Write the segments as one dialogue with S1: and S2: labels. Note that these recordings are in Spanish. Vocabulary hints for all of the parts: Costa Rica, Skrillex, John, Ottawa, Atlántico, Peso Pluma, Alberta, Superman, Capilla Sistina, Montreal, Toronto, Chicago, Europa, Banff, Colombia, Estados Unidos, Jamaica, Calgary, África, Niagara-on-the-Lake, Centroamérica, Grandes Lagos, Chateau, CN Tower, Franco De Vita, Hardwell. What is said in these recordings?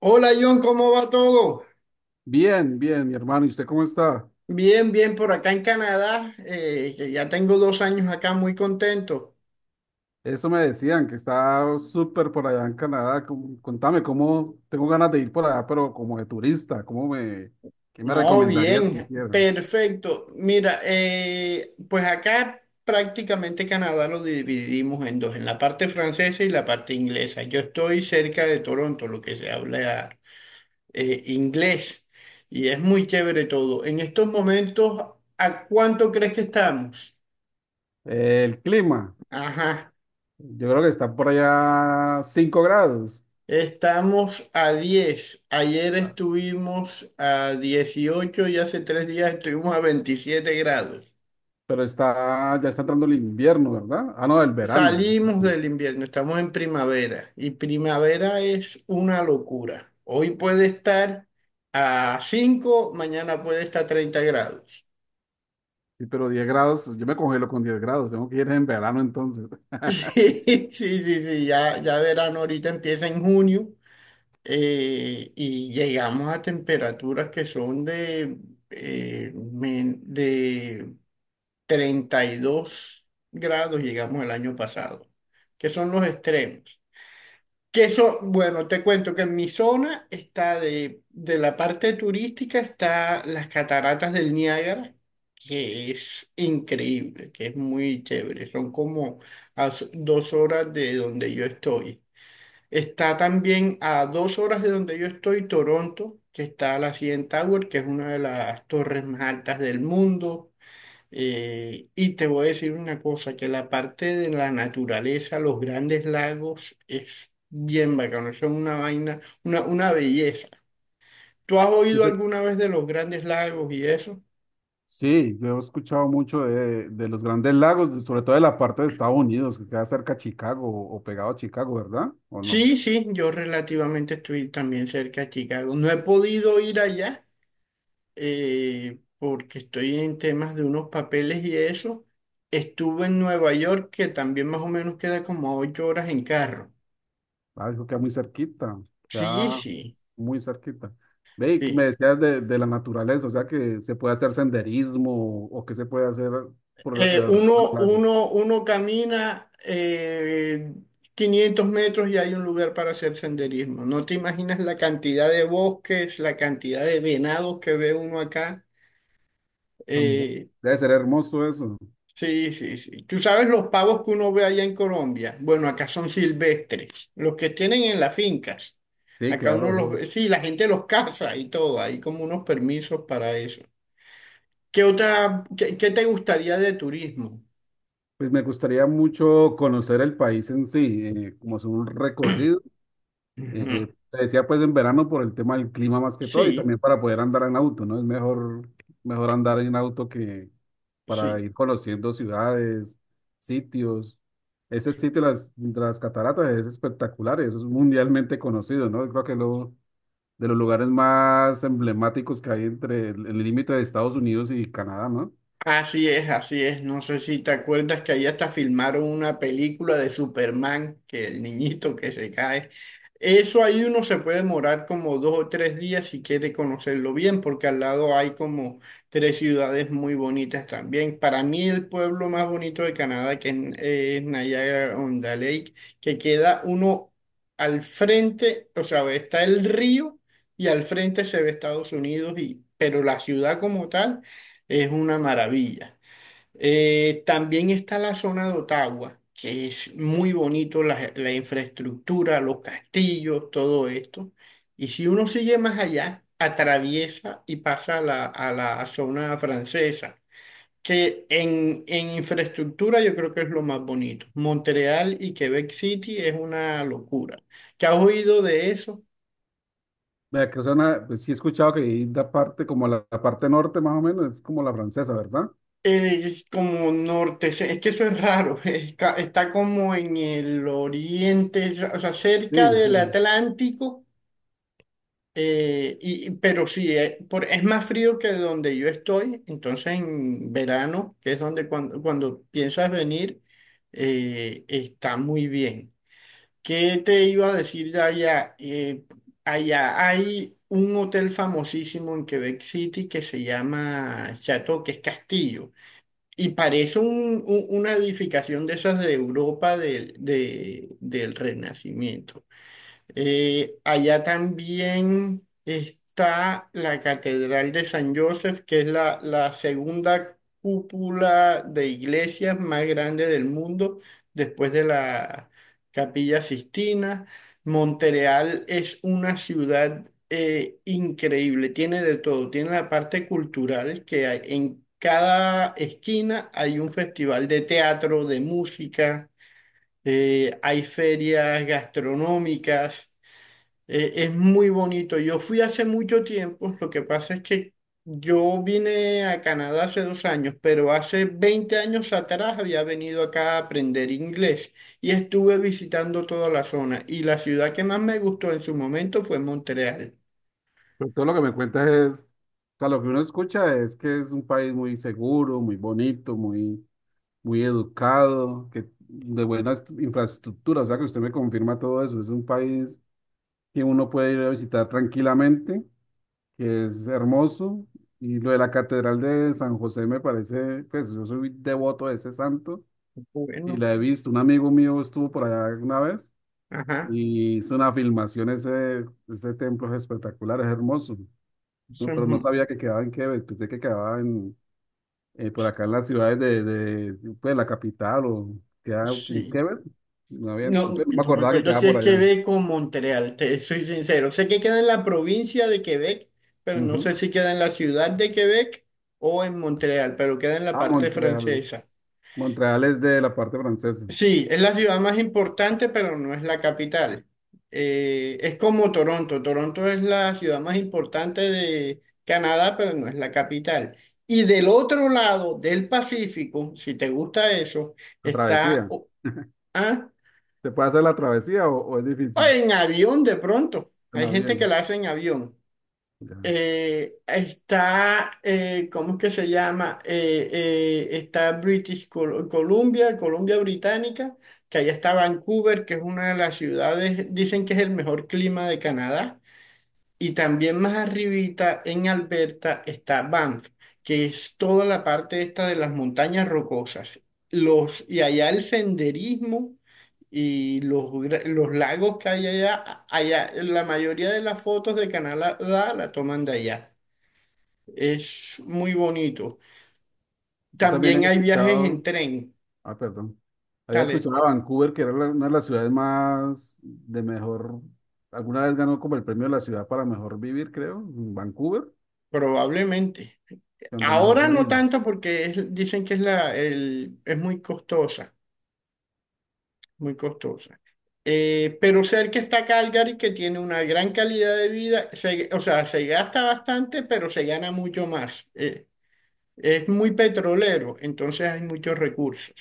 S1: Hola John, ¿cómo va todo?
S2: Bien, bien, mi hermano. ¿Y usted cómo está?
S1: Bien, bien, por acá en Canadá, que ya tengo 2 años acá, muy contento.
S2: Eso me decían, que está súper por allá en Canadá. Contame, ¿cómo? Tengo ganas de ir por allá, pero como de turista. ¿Qué me
S1: No,
S2: recomendarías
S1: bien,
S2: que hicieran?
S1: perfecto. Mira, pues acá prácticamente Canadá lo dividimos en 2, en la parte francesa y la parte inglesa. Yo estoy cerca de Toronto, lo que se habla inglés, y es muy chévere todo. En estos momentos, ¿a cuánto crees que estamos?
S2: El clima.
S1: Ajá.
S2: Yo creo que está por allá 5 grados,
S1: Estamos a 10. Ayer estuvimos a 18 y hace 3 días estuvimos a 27 grados.
S2: pero ya está entrando el invierno, ¿verdad? Ah, no, el verano. el
S1: Salimos
S2: verano.
S1: del invierno, estamos en primavera y primavera es una locura. Hoy puede estar a 5, mañana puede estar a 30 grados.
S2: Sí, pero 10 grados, yo me congelo con 10 grados. Tengo que ir en verano entonces.
S1: Sí, sí, sí, sí, ya, ya, verano ahorita empieza en junio, y llegamos a temperaturas que son de 32 grados. Llegamos el año pasado, que son los extremos. Que son, bueno, te cuento que en mi zona está de la parte turística, está las cataratas del Niágara, que es increíble, que es muy chévere. Son como 2 horas de donde yo estoy. Está también a 2 horas de donde yo estoy, Toronto, que está la CN Tower, que es una de las torres más altas del mundo. Y te voy a decir una cosa, que la parte de la naturaleza, los grandes lagos, es bien bacano, son una vaina, una belleza. ¿Tú has oído alguna vez de los grandes lagos y eso?
S2: Sí, yo he escuchado mucho de los Grandes Lagos, sobre todo de la parte de Estados Unidos, que queda cerca a Chicago o pegado a Chicago, ¿verdad? ¿O no?
S1: Sí, sí, yo relativamente estoy también cerca de Chicago. No he podido ir allá, porque estoy en temas de unos papeles y eso. Estuve en Nueva York, que también más o menos queda como a 8 horas en carro.
S2: Ah, eso queda muy cerquita,
S1: Sí,
S2: queda
S1: sí,
S2: muy cerquita. Ve, y que me
S1: sí.
S2: decías de la naturaleza, o sea que se puede hacer senderismo o que se puede hacer por
S1: Eh,
S2: alrededor de los
S1: uno,
S2: lagos.
S1: uno, uno camina 500 metros y hay un lugar para hacer senderismo. No te imaginas la cantidad de bosques, la cantidad de venados que ve uno acá.
S2: Tan bu-
S1: Eh,
S2: Debe ser hermoso eso.
S1: sí, sí, sí. Tú sabes los pavos que uno ve allá en Colombia. Bueno, acá son silvestres, los que tienen en las fincas.
S2: Sí,
S1: Acá uno los
S2: claro.
S1: ve, sí, la gente los caza y todo. Hay como unos permisos para eso. ¿ Qué te gustaría de turismo?
S2: Pues me gustaría mucho conocer el país en sí, como es un recorrido.
S1: Ujú.
S2: Te decía pues en verano por el tema del clima más que todo y
S1: Sí,
S2: también para poder andar en auto, ¿no? Es mejor, mejor andar en auto que para
S1: sí.
S2: ir conociendo ciudades, sitios. Ese sitio, las cataratas, es espectacular, eso es mundialmente conocido, ¿no? Creo que de los lugares más emblemáticos que hay entre el límite de Estados Unidos y Canadá, ¿no?
S1: Así es, así es. No sé si te acuerdas que ahí hasta filmaron una película de Superman, que el niñito que se cae. Eso ahí uno se puede demorar como 2 o 3 días si quiere conocerlo bien, porque al lado hay como 3 ciudades muy bonitas también. Para mí el pueblo más bonito de Canadá, es Niagara-on-the-Lake, que queda uno al frente, o sea, está el río y al frente se ve Estados Unidos, y, pero la ciudad como tal. Es una maravilla. También está la zona de Ottawa, que es muy bonito, la infraestructura, los castillos, todo esto. Y si uno sigue más allá, atraviesa y pasa a la zona francesa, que en infraestructura yo creo que es lo más bonito. Montreal y Quebec City es una locura. ¿Qué has oído de eso?
S2: Vea que, o sea, pues sí he escuchado que hay la parte, como la parte norte más o menos, es como la francesa, ¿verdad?
S1: Es como norte, es que eso es raro, es está como en el oriente, o sea, cerca
S2: Sí,
S1: del
S2: sí.
S1: Atlántico, pero sí, es más frío que donde yo estoy, entonces en verano, que es donde cuando piensas venir, está muy bien. ¿Qué te iba a decir de allá? Allá hay un hotel famosísimo en Quebec City que se llama Chateau, que es castillo. Y parece una edificación de esas de Europa del Renacimiento. Allá también está la Catedral de San Joseph, que es la segunda cúpula de iglesias más grande del mundo, después de la Capilla Sistina. Montreal es una ciudad increíble, tiene de todo, tiene la parte cultural que hay. En cada esquina hay un festival de teatro, de música, hay ferias gastronómicas. Es muy bonito. Yo fui hace mucho tiempo. Lo que pasa es que yo vine a Canadá hace 2 años, pero hace 20 años atrás había venido acá a aprender inglés y estuve visitando toda la zona. Y la ciudad que más me gustó en su momento fue Montreal.
S2: Pero todo lo que me cuentas es, o sea, lo que uno escucha es que es un país muy seguro, muy bonito, muy, muy educado, que de buenas infraestructuras, o sea, que usted me confirma todo eso. Es un país que uno puede ir a visitar tranquilamente, que es hermoso. Y lo de la Catedral de San José me parece, pues yo soy devoto de ese santo y
S1: Bueno,
S2: la he visto. Un amigo mío estuvo por allá una vez
S1: ajá.
S2: y hizo una filmación, ese templo es espectacular, es hermoso.
S1: eso
S2: No,
S1: es
S2: pero no
S1: mu-
S2: sabía que quedaba en Quebec, pensé que quedaba en, por acá en las ciudades pues, la capital o quedaba en
S1: Sí.
S2: Quebec. No había,
S1: No,
S2: pues, no me
S1: no me
S2: acordaba que
S1: acuerdo
S2: quedaba
S1: si
S2: por
S1: es
S2: allá.
S1: Quebec o Montreal, te soy sincero. Sé que queda en la provincia de Quebec, pero no
S2: Ujú.
S1: sé si queda en la ciudad de Quebec o en Montreal, pero queda en la
S2: Ah,
S1: parte
S2: Montreal.
S1: francesa.
S2: Montreal es de la parte francesa.
S1: Sí, es la ciudad más importante, pero no es la capital. Es como Toronto. Toronto es la ciudad más importante de Canadá, pero no es la capital. Y del otro lado del Pacífico, si te gusta eso,
S2: La
S1: está...
S2: travesía.
S1: ¿Ah?
S2: ¿Se puede hacer la travesía o es
S1: O
S2: difícil?
S1: en avión de pronto.
S2: En
S1: Hay gente que
S2: avión.
S1: la hace en avión.
S2: Ya.
S1: ¿Cómo es que se llama? Está Columbia, Columbia Británica, que allá está Vancouver, que es una de las ciudades, dicen que es el mejor clima de Canadá. Y también más arribita en Alberta está Banff, que es toda la parte esta de las montañas rocosas. Y allá el senderismo y los lagos que hay allá, allá, la mayoría de las fotos de Canadá la toman de allá. Es muy bonito.
S2: Yo también he
S1: También hay viajes en
S2: escuchado,
S1: tren,
S2: ah, perdón, había
S1: dale,
S2: escuchado a Vancouver, que era una de las ciudades más de mejor, alguna vez ganó como el premio de la ciudad para mejor vivir, creo, en Vancouver,
S1: probablemente.
S2: donde mejor se
S1: Ahora no
S2: vive.
S1: tanto porque dicen que es muy costosa, muy costosa. Pero cerca está Calgary, que tiene una gran calidad de vida. O sea, se gasta bastante, pero se gana mucho más. Es muy petrolero, entonces hay muchos recursos.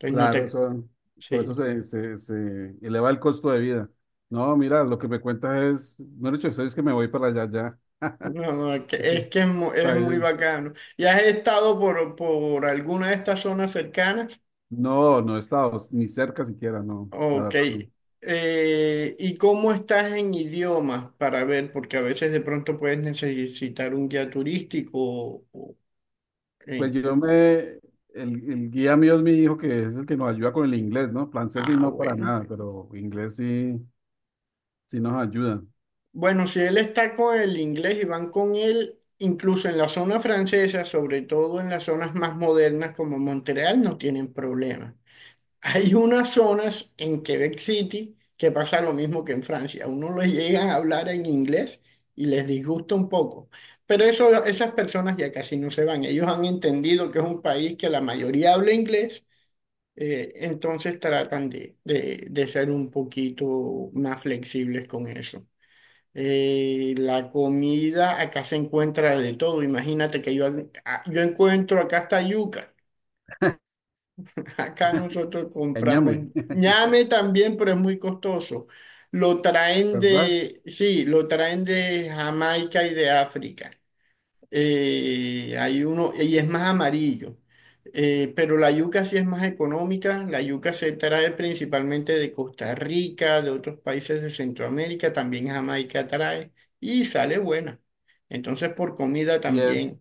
S1: Entonces no
S2: Claro,
S1: te...
S2: por eso
S1: Sí.
S2: se eleva el costo de vida. No, mira, lo que me cuentas es, no he dicho eso, es que me voy para allá ya.
S1: No, no,
S2: Ese
S1: que es es muy
S2: país,
S1: bacano. ¿Ya has estado por alguna de estas zonas cercanas?
S2: no, no he estado ni cerca siquiera, no, la
S1: Ok.
S2: verdad no.
S1: ¿Y cómo estás en idiomas para ver? Porque a veces de pronto puedes necesitar un guía turístico
S2: Pues
S1: en,
S2: yo me, el guía mío es mi hijo, que es el que nos ayuda con el inglés, ¿no? Francés sí,
S1: Ah,
S2: no para
S1: bueno.
S2: nada, pero inglés sí, sí nos ayuda.
S1: Bueno, si él está con el inglés y van con él, incluso en la zona francesa, sobre todo en las zonas más modernas como Montreal, no tienen problema. Hay unas zonas en Quebec City que pasa lo mismo que en Francia. A uno les llegan a hablar en inglés y les disgusta un poco. Pero eso, esas personas ya casi no se van. Ellos han entendido que es un país que la mayoría habla inglés, entonces tratan de ser un poquito más flexibles con eso. La comida acá se encuentra de todo. Imagínate que yo encuentro acá hasta yuca. Acá nosotros
S2: Éñame,
S1: compramos ñame también, pero es muy costoso. Lo traen
S2: ¿verdad?
S1: de, sí, lo traen de Jamaica y de África. Hay uno, y es más amarillo. Pero la yuca sí es más económica. La yuca se trae principalmente de Costa Rica, de otros países de Centroamérica, también Jamaica trae y sale buena. Entonces, por comida
S2: Y es,
S1: también.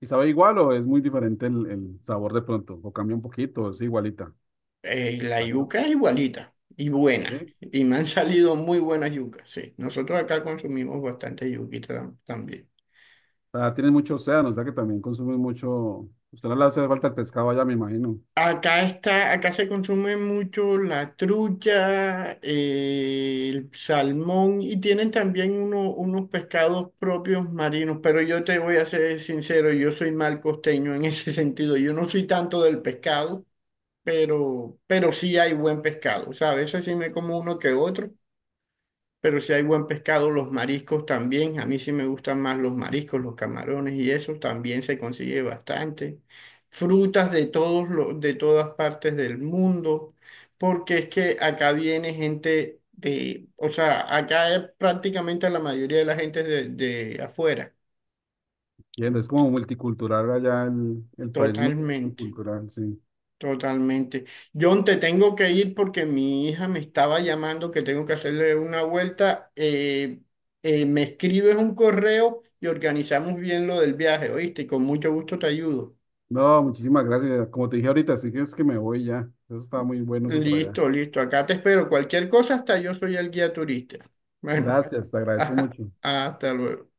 S2: ¿y sabe igual o es muy diferente el sabor de pronto? ¿O cambia un poquito? ¿Es igualita?
S1: La yuca es igualita y buena.
S2: ¿Sí?
S1: Y me han salido muy buenas yucas, sí. Nosotros acá consumimos bastante yuquita también.
S2: Ah, tienen mucho océano, o sea que también consumen mucho. Usted no le hace falta el pescado allá, me imagino.
S1: Acá está, acá se consume mucho la trucha, el salmón y tienen también unos pescados propios marinos, pero yo te voy a ser sincero, yo soy mal costeño en ese sentido, yo no soy tanto del pescado, pero sí hay buen pescado, o sea. A veces sí me como uno que otro, pero si hay buen pescado, los mariscos también. A mí sí me gustan más los mariscos, los camarones y eso también se consigue bastante. Frutas de de todas partes del mundo, porque es que acá viene gente de, o sea, acá prácticamente la mayoría de la gente es de afuera.
S2: Entiendo, es como multicultural allá el país, muy
S1: Totalmente.
S2: multicultural, sí.
S1: Totalmente. John, te tengo que ir porque mi hija me estaba llamando que tengo que hacerle una vuelta. Me escribes un correo y organizamos bien lo del viaje, ¿oíste? Y con mucho gusto te ayudo.
S2: No, muchísimas gracias. Como te dije ahorita, sí que es que me voy ya. Eso está muy bueno, eso por allá.
S1: Listo, listo. Acá te espero. Cualquier cosa, hasta yo soy el guía turista. Bueno,
S2: Gracias, te agradezco mucho.
S1: hasta luego.